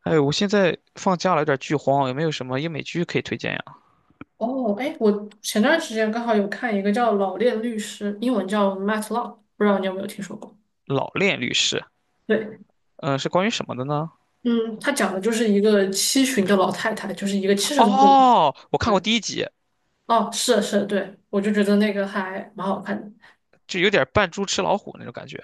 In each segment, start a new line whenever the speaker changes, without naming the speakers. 哎，我现在放假了，有点剧荒，有没有什么英美剧可以推荐呀？
哦，哎，我前段时间刚好有看一个叫《老练律师》，英文叫《Matt Law》，不知道你有没有听说过？
《老练律师》，
对，
嗯、是关于什么的呢？
嗯，他讲的就是一个七旬的老太太，就是一个七十多岁的老
哦，我看过
人。
第一集，
哦，是是，对，我就觉得那个还蛮好看的。
就有点扮猪吃老虎那种感觉。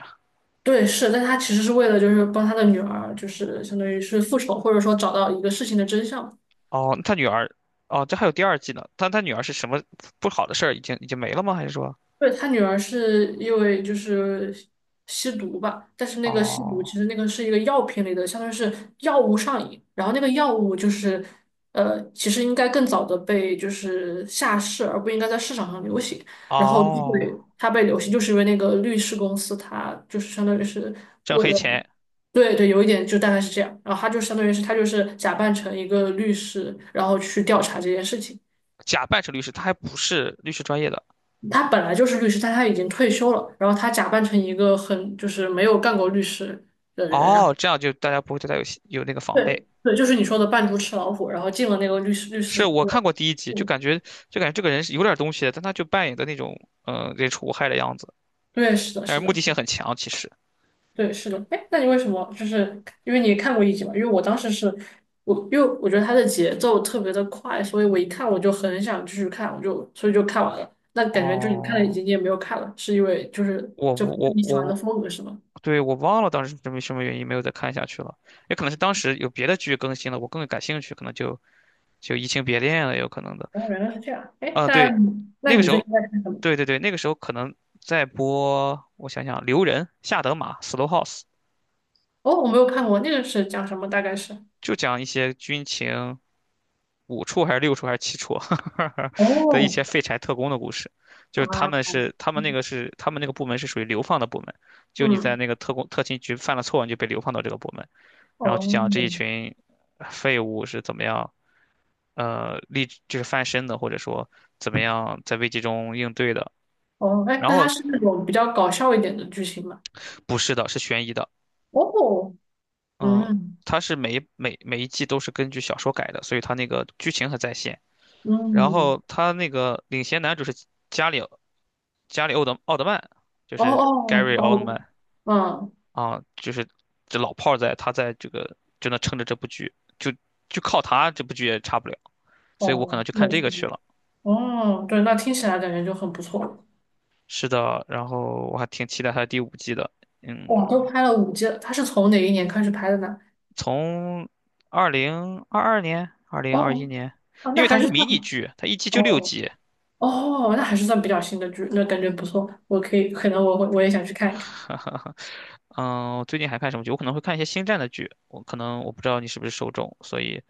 对，是，但他其实是为了就是帮他的女儿，就是相当于是复仇，或者说找到一个事情的真相。
哦，他女儿，哦，这还有第二季呢。但他女儿是什么不好的事儿已经没了吗？还是说，
对，他女儿是因为就是吸毒吧，但是那个吸毒
哦
其实那个是一个药品类的，相当于是药物上瘾，然后那个药物就是其实应该更早的被就是下市，而不应该在市场上流行。然后对
哦，
它被流行，就是因为那个律师公司，它就是相当于是
挣黑钱，
对对，有一点就大概是这样。然后他就相当于是他就是假扮成一个律师，然后去调查这件事情。
假扮成律师，他还不是律师专业的。
他本来就是律师，但他已经退休了，然后他假扮成一个很就是没有干过律师的人，然后
哦，这样就大家不会对他有那个防备。
对对，就是你说的扮猪吃老虎，然后进了那个律师，
是我看过第一集，就
嗯，
感觉就感觉这个人是有点东西的，但他就扮演的那种，人畜无害的样子。
对，是的，
但是
是
目的
的，
性很强，其实。
对，是的。哎，那你为什么就是因为你看过一集嘛？因为我当时是我，因为我觉得它的节奏特别的快，所以我一看我就很想继续看，所以就看完了。那感觉就你看了一
哦，
集，你也没有看了，是因为就是
我
就不是
我
你喜欢
我
的风格是吗？
对，我忘了当时是因为什么原因没有再看下去了，也可能是当时有别的剧更新了，我更感兴趣，可能就移情别恋了，也有可能的。
哦，原来是这样。哎，
啊，
那
对，
那
那个
你
时
最
候，
近在看什么？
对对对，那个时候可能在播，我想想，《留人》《下德玛》《Slow House》，
哦，我没有看过，那个是讲什么？大概是，
就讲一些军情，五处还是六处还是七处 的一
哦，
些废柴特工的故事，就是
啊，
他们那个部门是属于流放的部门，就你在
嗯，
那个特勤局犯了错，你就被流放到这个部门，然后就
哦，
讲这一群废物是怎么样，就是翻身的，或者说怎么样在危机中应对的。
哦，哎，
然
那它
后
是那种比较搞笑一点的剧情吗？
不是的，是悬疑的，
哦，
嗯，
嗯，
它是每一季都是根据小说改的，所以它那个剧情很在线。然
嗯，
后他那个领衔男主是加里加里奥德曼，就
哦
是
哦
Gary 奥特
哦，
曼
嗯，
啊，就是这老炮儿在，他在这个就能撑着这部剧，就就靠他这部剧也差不了，所以我可能
哦，
就看
那
这个去
行，
了。
哦，对，那听起来感觉就很不错。
是的，然后我还挺期待他的第五季的，
哇，都
嗯，
拍了五季了，它是从哪一年开始拍的呢？
从2022年、二零二一
哦，
年，
啊，
因
那
为它
还
是
是
迷
算，
你剧，它一季就六
哦
集。
哦，那还是算比较新的剧，那感觉不错，我可以，可能我也想去看一看。
嗯，我最近还看什么剧？我可能会看一些星战的剧，我可能我不知道你是不是受众，所以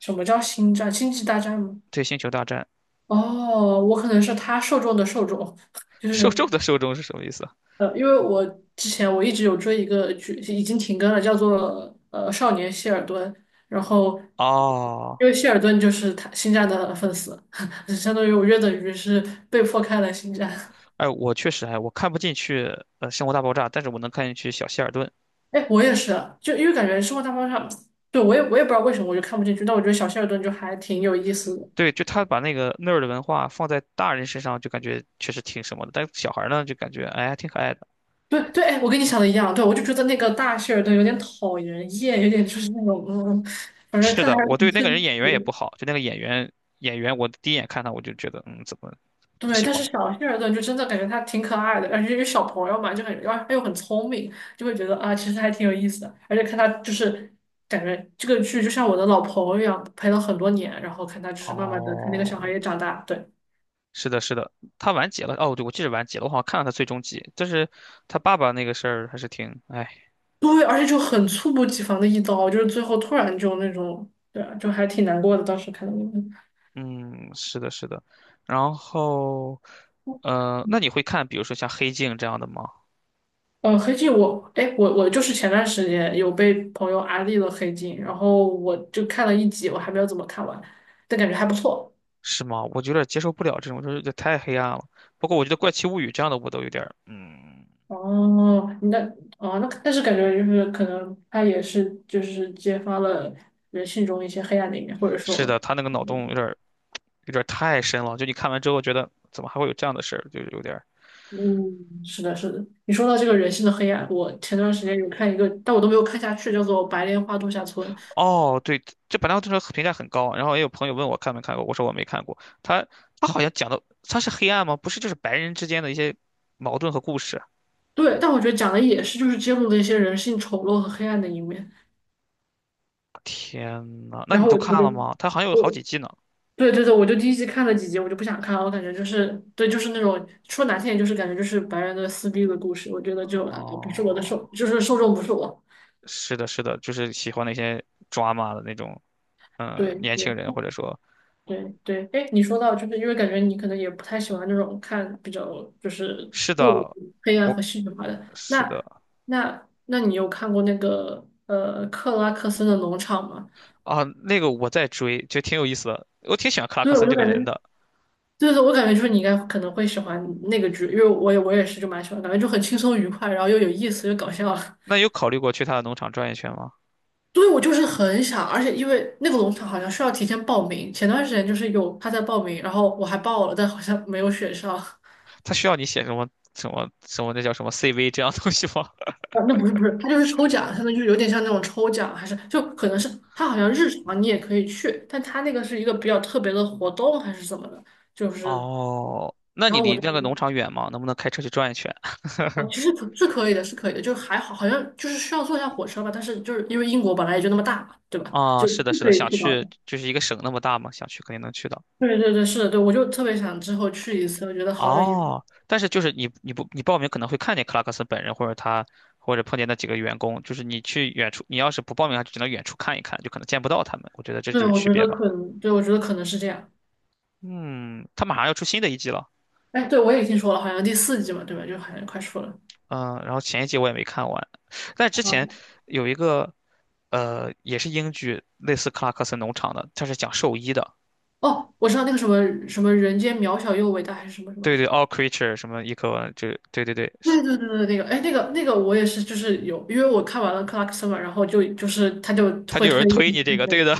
什么叫星战？星际大战吗？
对，《星球大战》
哦，我可能是他受众的受众，就
受
是
众的受众是什么意思？
因为我之前一直有追一个剧，已经停更了，叫做《少年谢尔顿》，然后
哦，
因为谢尔顿就是他星战的粉丝，相当于我约等于是被迫看了星战。
哎，我确实哎，我看不进去《生活大爆炸》，但是我能看进去小希尔顿。
哎，我也是啊，就因为感觉生活大爆炸，对我也不知道为什么我就看不进去，但我觉得小谢尔顿就还挺有意思的。
对，就他把那个那儿的文化放在大人身上，就感觉确实挺什么的，但是小孩儿呢，就感觉哎还挺可爱的。
对对，哎，我跟你想的一样，对，我就觉得那个大谢尔顿有点讨人厌，有点就是那种，嗯，反正
是
看着
的，
还是
我对
挺
那个人
生气
演
的
员也不好，就那个演员，我第一眼看他我就觉得怎么不
对，
喜
但是
欢？
小谢尔顿就真的感觉他挺可爱的，而且因为小朋友嘛，就很，然后他又很聪明，就会觉得啊，其实还挺有意思的。而且看他就是感觉这个剧就像我的老朋友一样，陪了很多年，然后看他就是慢慢的看那个小孩
哦，
也长大，对
是的，是的，他完结了。哦，对，我记得完结了，我好像看了他最终集，但是他爸爸那个事儿还是挺哎。
对，而且就很猝不及防的一刀，就是最后突然就那种，对啊，就还挺难过的，当时看到那个。
嗯，是的，是的。然后，那你会看，比如说像《黑镜》这样的吗？
黑镜我，哎，我就是前段时间有被朋友安利了黑镜，然后我就看了一集，我还没有怎么看完，但感觉还不错。
是吗？我有点接受不了这种，就是这太黑暗了。不过我觉得《怪奇物语》这样的我都有点儿嗯，
哦，那但是感觉就是可能它也是就是揭发了人性中一些黑暗的一面，或者
是
说，
的，他那个脑洞有点儿太深了。就你看完之后觉得，怎么还会有这样的事儿？就是有点儿。
嗯，是的，是的。你说到这个人性的黑暗，我前段时间有看一个，但我都没有看下去，叫做《白莲花度假村》。
哦，对，这本来我这个评价很高，然后也有朋友问我看没看过，我说我没看过。他好像讲的他是黑暗吗？不是，就是白人之间的一些矛盾和故事。
对，但我觉得讲的也是就是揭露的一些人性丑陋和黑暗的一面，
天呐，那
然
你
后
都
我
看
就。
了吗？他好像有好几季呢。
对对对，我就第一集看了几集，我就不想看了，我感觉就是，对，就是那种说难听点，就是感觉就是白人的撕逼的故事，我觉得就不是我的受，
哦，
就是受众不是我。
是的，是的，就是喜欢那些抓马的那种，嗯，
对
年轻
对
人或者说，
对对，哎，你说到就是因为感觉你可能也不太喜欢那种看比较就是
是
过
的，
于黑暗
我
和戏剧化的，
是
那
的
你有看过那个克拉克森的农场吗？
啊，那个我在追，就挺有意思的，我挺喜欢克拉克
对，我
森
就
这个
感觉，
人的。
对对，我感觉就是你应该可能会喜欢那个剧，因为我也是就蛮喜欢，感觉就很轻松愉快，然后又有意思又搞笑。
那有考虑过去他的农场转一圈吗？
对，我就是很想，而且因为那个农场好像需要提前报名，前段时间就是有他在报名，然后我还报了，但好像没有选上。
他需要你写什么那叫什么 CV 这样的东西吗？
啊，那不是不是，他就是抽奖，相当于就是有点像那种抽奖，还是就可能是他好像日常你也可以去，但他那个是一个比较特别的活动还是怎么的，就 是，
哦，那
然
你
后我
离
就
那个农场远吗？能不能开车去转一圈？
哦，其实可是可以的，是可以的，就还好，好像就是需要坐一下火车吧，但是就是因为英国本来也就那么大嘛，对吧？
啊，
就
是的，
不
是
可
的，
以
想
去到
去
的。
就是一个省那么大嘛，想去肯定能去到。
对对对，是的，对，我就特别想之后去一次，我觉得好有意思。
哦，但是就是你你不你报名可能会看见克拉克森本人，或者他或者碰见那几个员工，就是你去远处，你要是不报名，就只能远处看一看，就可能见不到他们。我觉得这就
对，
是
我
区
觉
别
得
吧。
可能，对，我觉得可能是这样。
嗯，他马上要出新的一季了，
哎，对，我也听说了，好像第四季嘛，对吧？就好像快出了。
嗯，然后前一季我也没看完，但之前有一个也是英剧，类似克拉克森农场的，它是讲兽医的，
哦，我知道那个什么什么人间渺小又伟大，还是什么什么，还
对
是
对，All Creature 什么一科文就对对对，是
对对对对，那个，哎，那个那个我也是，就是有，因为我看完了克拉克森嘛，然后就是他就
他就
会
有
推
人
荐
推
你
你
看
这个，
那
对
个。
的，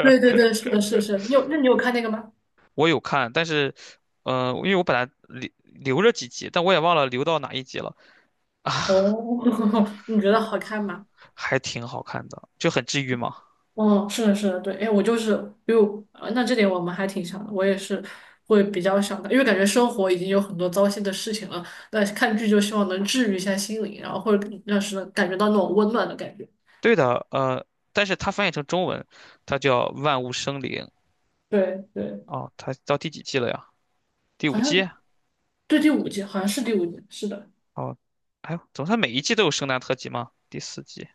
对 对对，是的，是的是是你有，那你有看那个吗？
我有看，但是，因为我本来留着几集，但我也忘了留到哪一集了，
哦，你觉得好看吗？
还挺好看的，就很治愈嘛。
哦，是的，是的，对，哎，我就是，比如，那这点我们还挺像的，我也是会比较想的，因为感觉生活已经有很多糟心的事情了，那看剧就希望能治愈一下心灵，然后或者让是感觉到那种温暖的感觉。
对的，但是它翻译成中文，它叫《万物生灵》
对对，
哦，它到第几季了呀？第
好
五
像
季？
对第五季，好像是第五季，是的，
哦，哎呦，怎么它每一季都有圣诞特辑吗？第四季，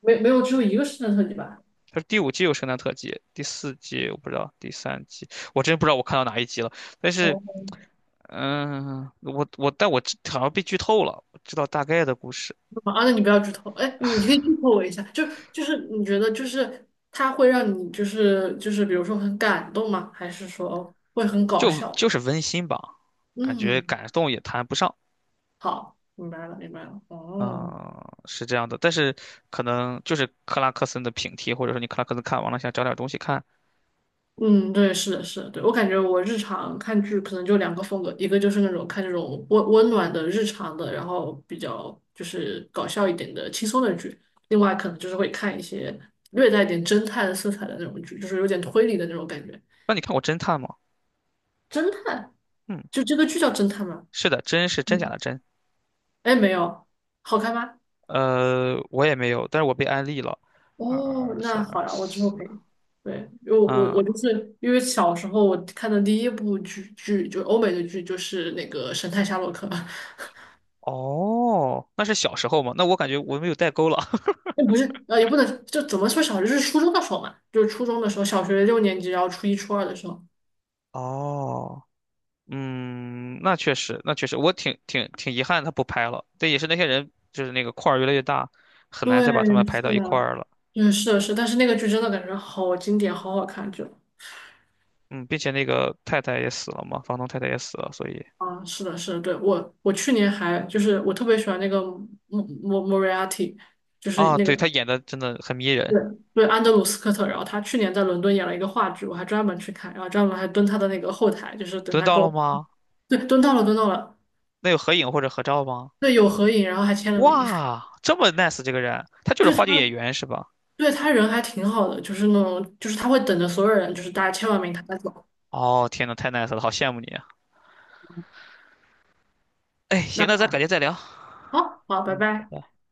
没有只有一个圣诞特辑吧？
它是第五季有圣诞特辑，第四季我不知道，第三季我真不知道我看到哪一集了。但是，
哦，
我但我知好像被剧透了，我知道大概的故事。
啊，那你不要剧透，哎，你可以剧透我一下，就是你觉得就是它会让你就是比如说很感动吗？还是说会很搞笑？
就是温馨吧，感觉
嗯。
感动也谈不上。
好，明白了，明白了。哦，
嗯，是这样的，但是可能就是克拉克森的平替，或者说你克拉克森看完了想找点东西看，
嗯，对，是的，是的，对，我感觉我日常看剧可能就两个风格，一个就是那种看这种温暖的日常的，然后比较就是搞笑一点的轻松的剧，另外可能就是会看一些略带一点侦探色彩的那种剧，就是有点推理的那种感觉。
那你看过《侦探》吗？
侦探，
嗯，
就这个剧叫侦探吗？
是的，真是真假
嗯，
的真。
哎，没有，好看吗？
我也没有，但是我被安利了。
哦，
二三
那好
二
呀，我之后
四，
可以。对，因为我我
嗯，
我就是因为小时候我看的第一部剧就欧美的剧就是那个《神探夏洛克》，
哦，那是小时候嘛？那我感觉我没有代沟了。
那不是也不能就怎么说小就是初中的时候嘛，就是初中的时候，小学六年级，然后初一初二的时候。
哦。嗯，那确实，那确实，我挺遗憾他不拍了。但也是那些人，就是那个块儿越来越大，很难再把他们
对，
排到
是
一块
的，
儿了。
对，是的是的但是那个剧真的感觉好经典，好好看，就
嗯，并且那个太太也死了嘛，房东太太也死了，所以
啊，是的，是的，对我去年还就是我特别喜欢那个莫瑞亚蒂，就是
啊，
那个
对他演的真的很迷
对，
人。
对，安德鲁·斯科特，然后他去年在伦敦演了一个话剧，我还专门去看，然后专门还蹲他的那个后台，就是等
蹲
他
到
给
了
我，
吗？
对，蹲到了，蹲到了，
那有合影或者合照吗？
对，有合影，然后还签了名，
哇，这么 nice 这个人，他 就是
对他，
话剧演员是吧？
对他人还挺好的，就是那种，就是他会等着所有人，就是大家签完名他再走，
哦，天呐，太 nice 了，好羡慕你啊！哎，行，
那
那咱改天再聊。
好，好，拜
嗯。拜
拜。
拜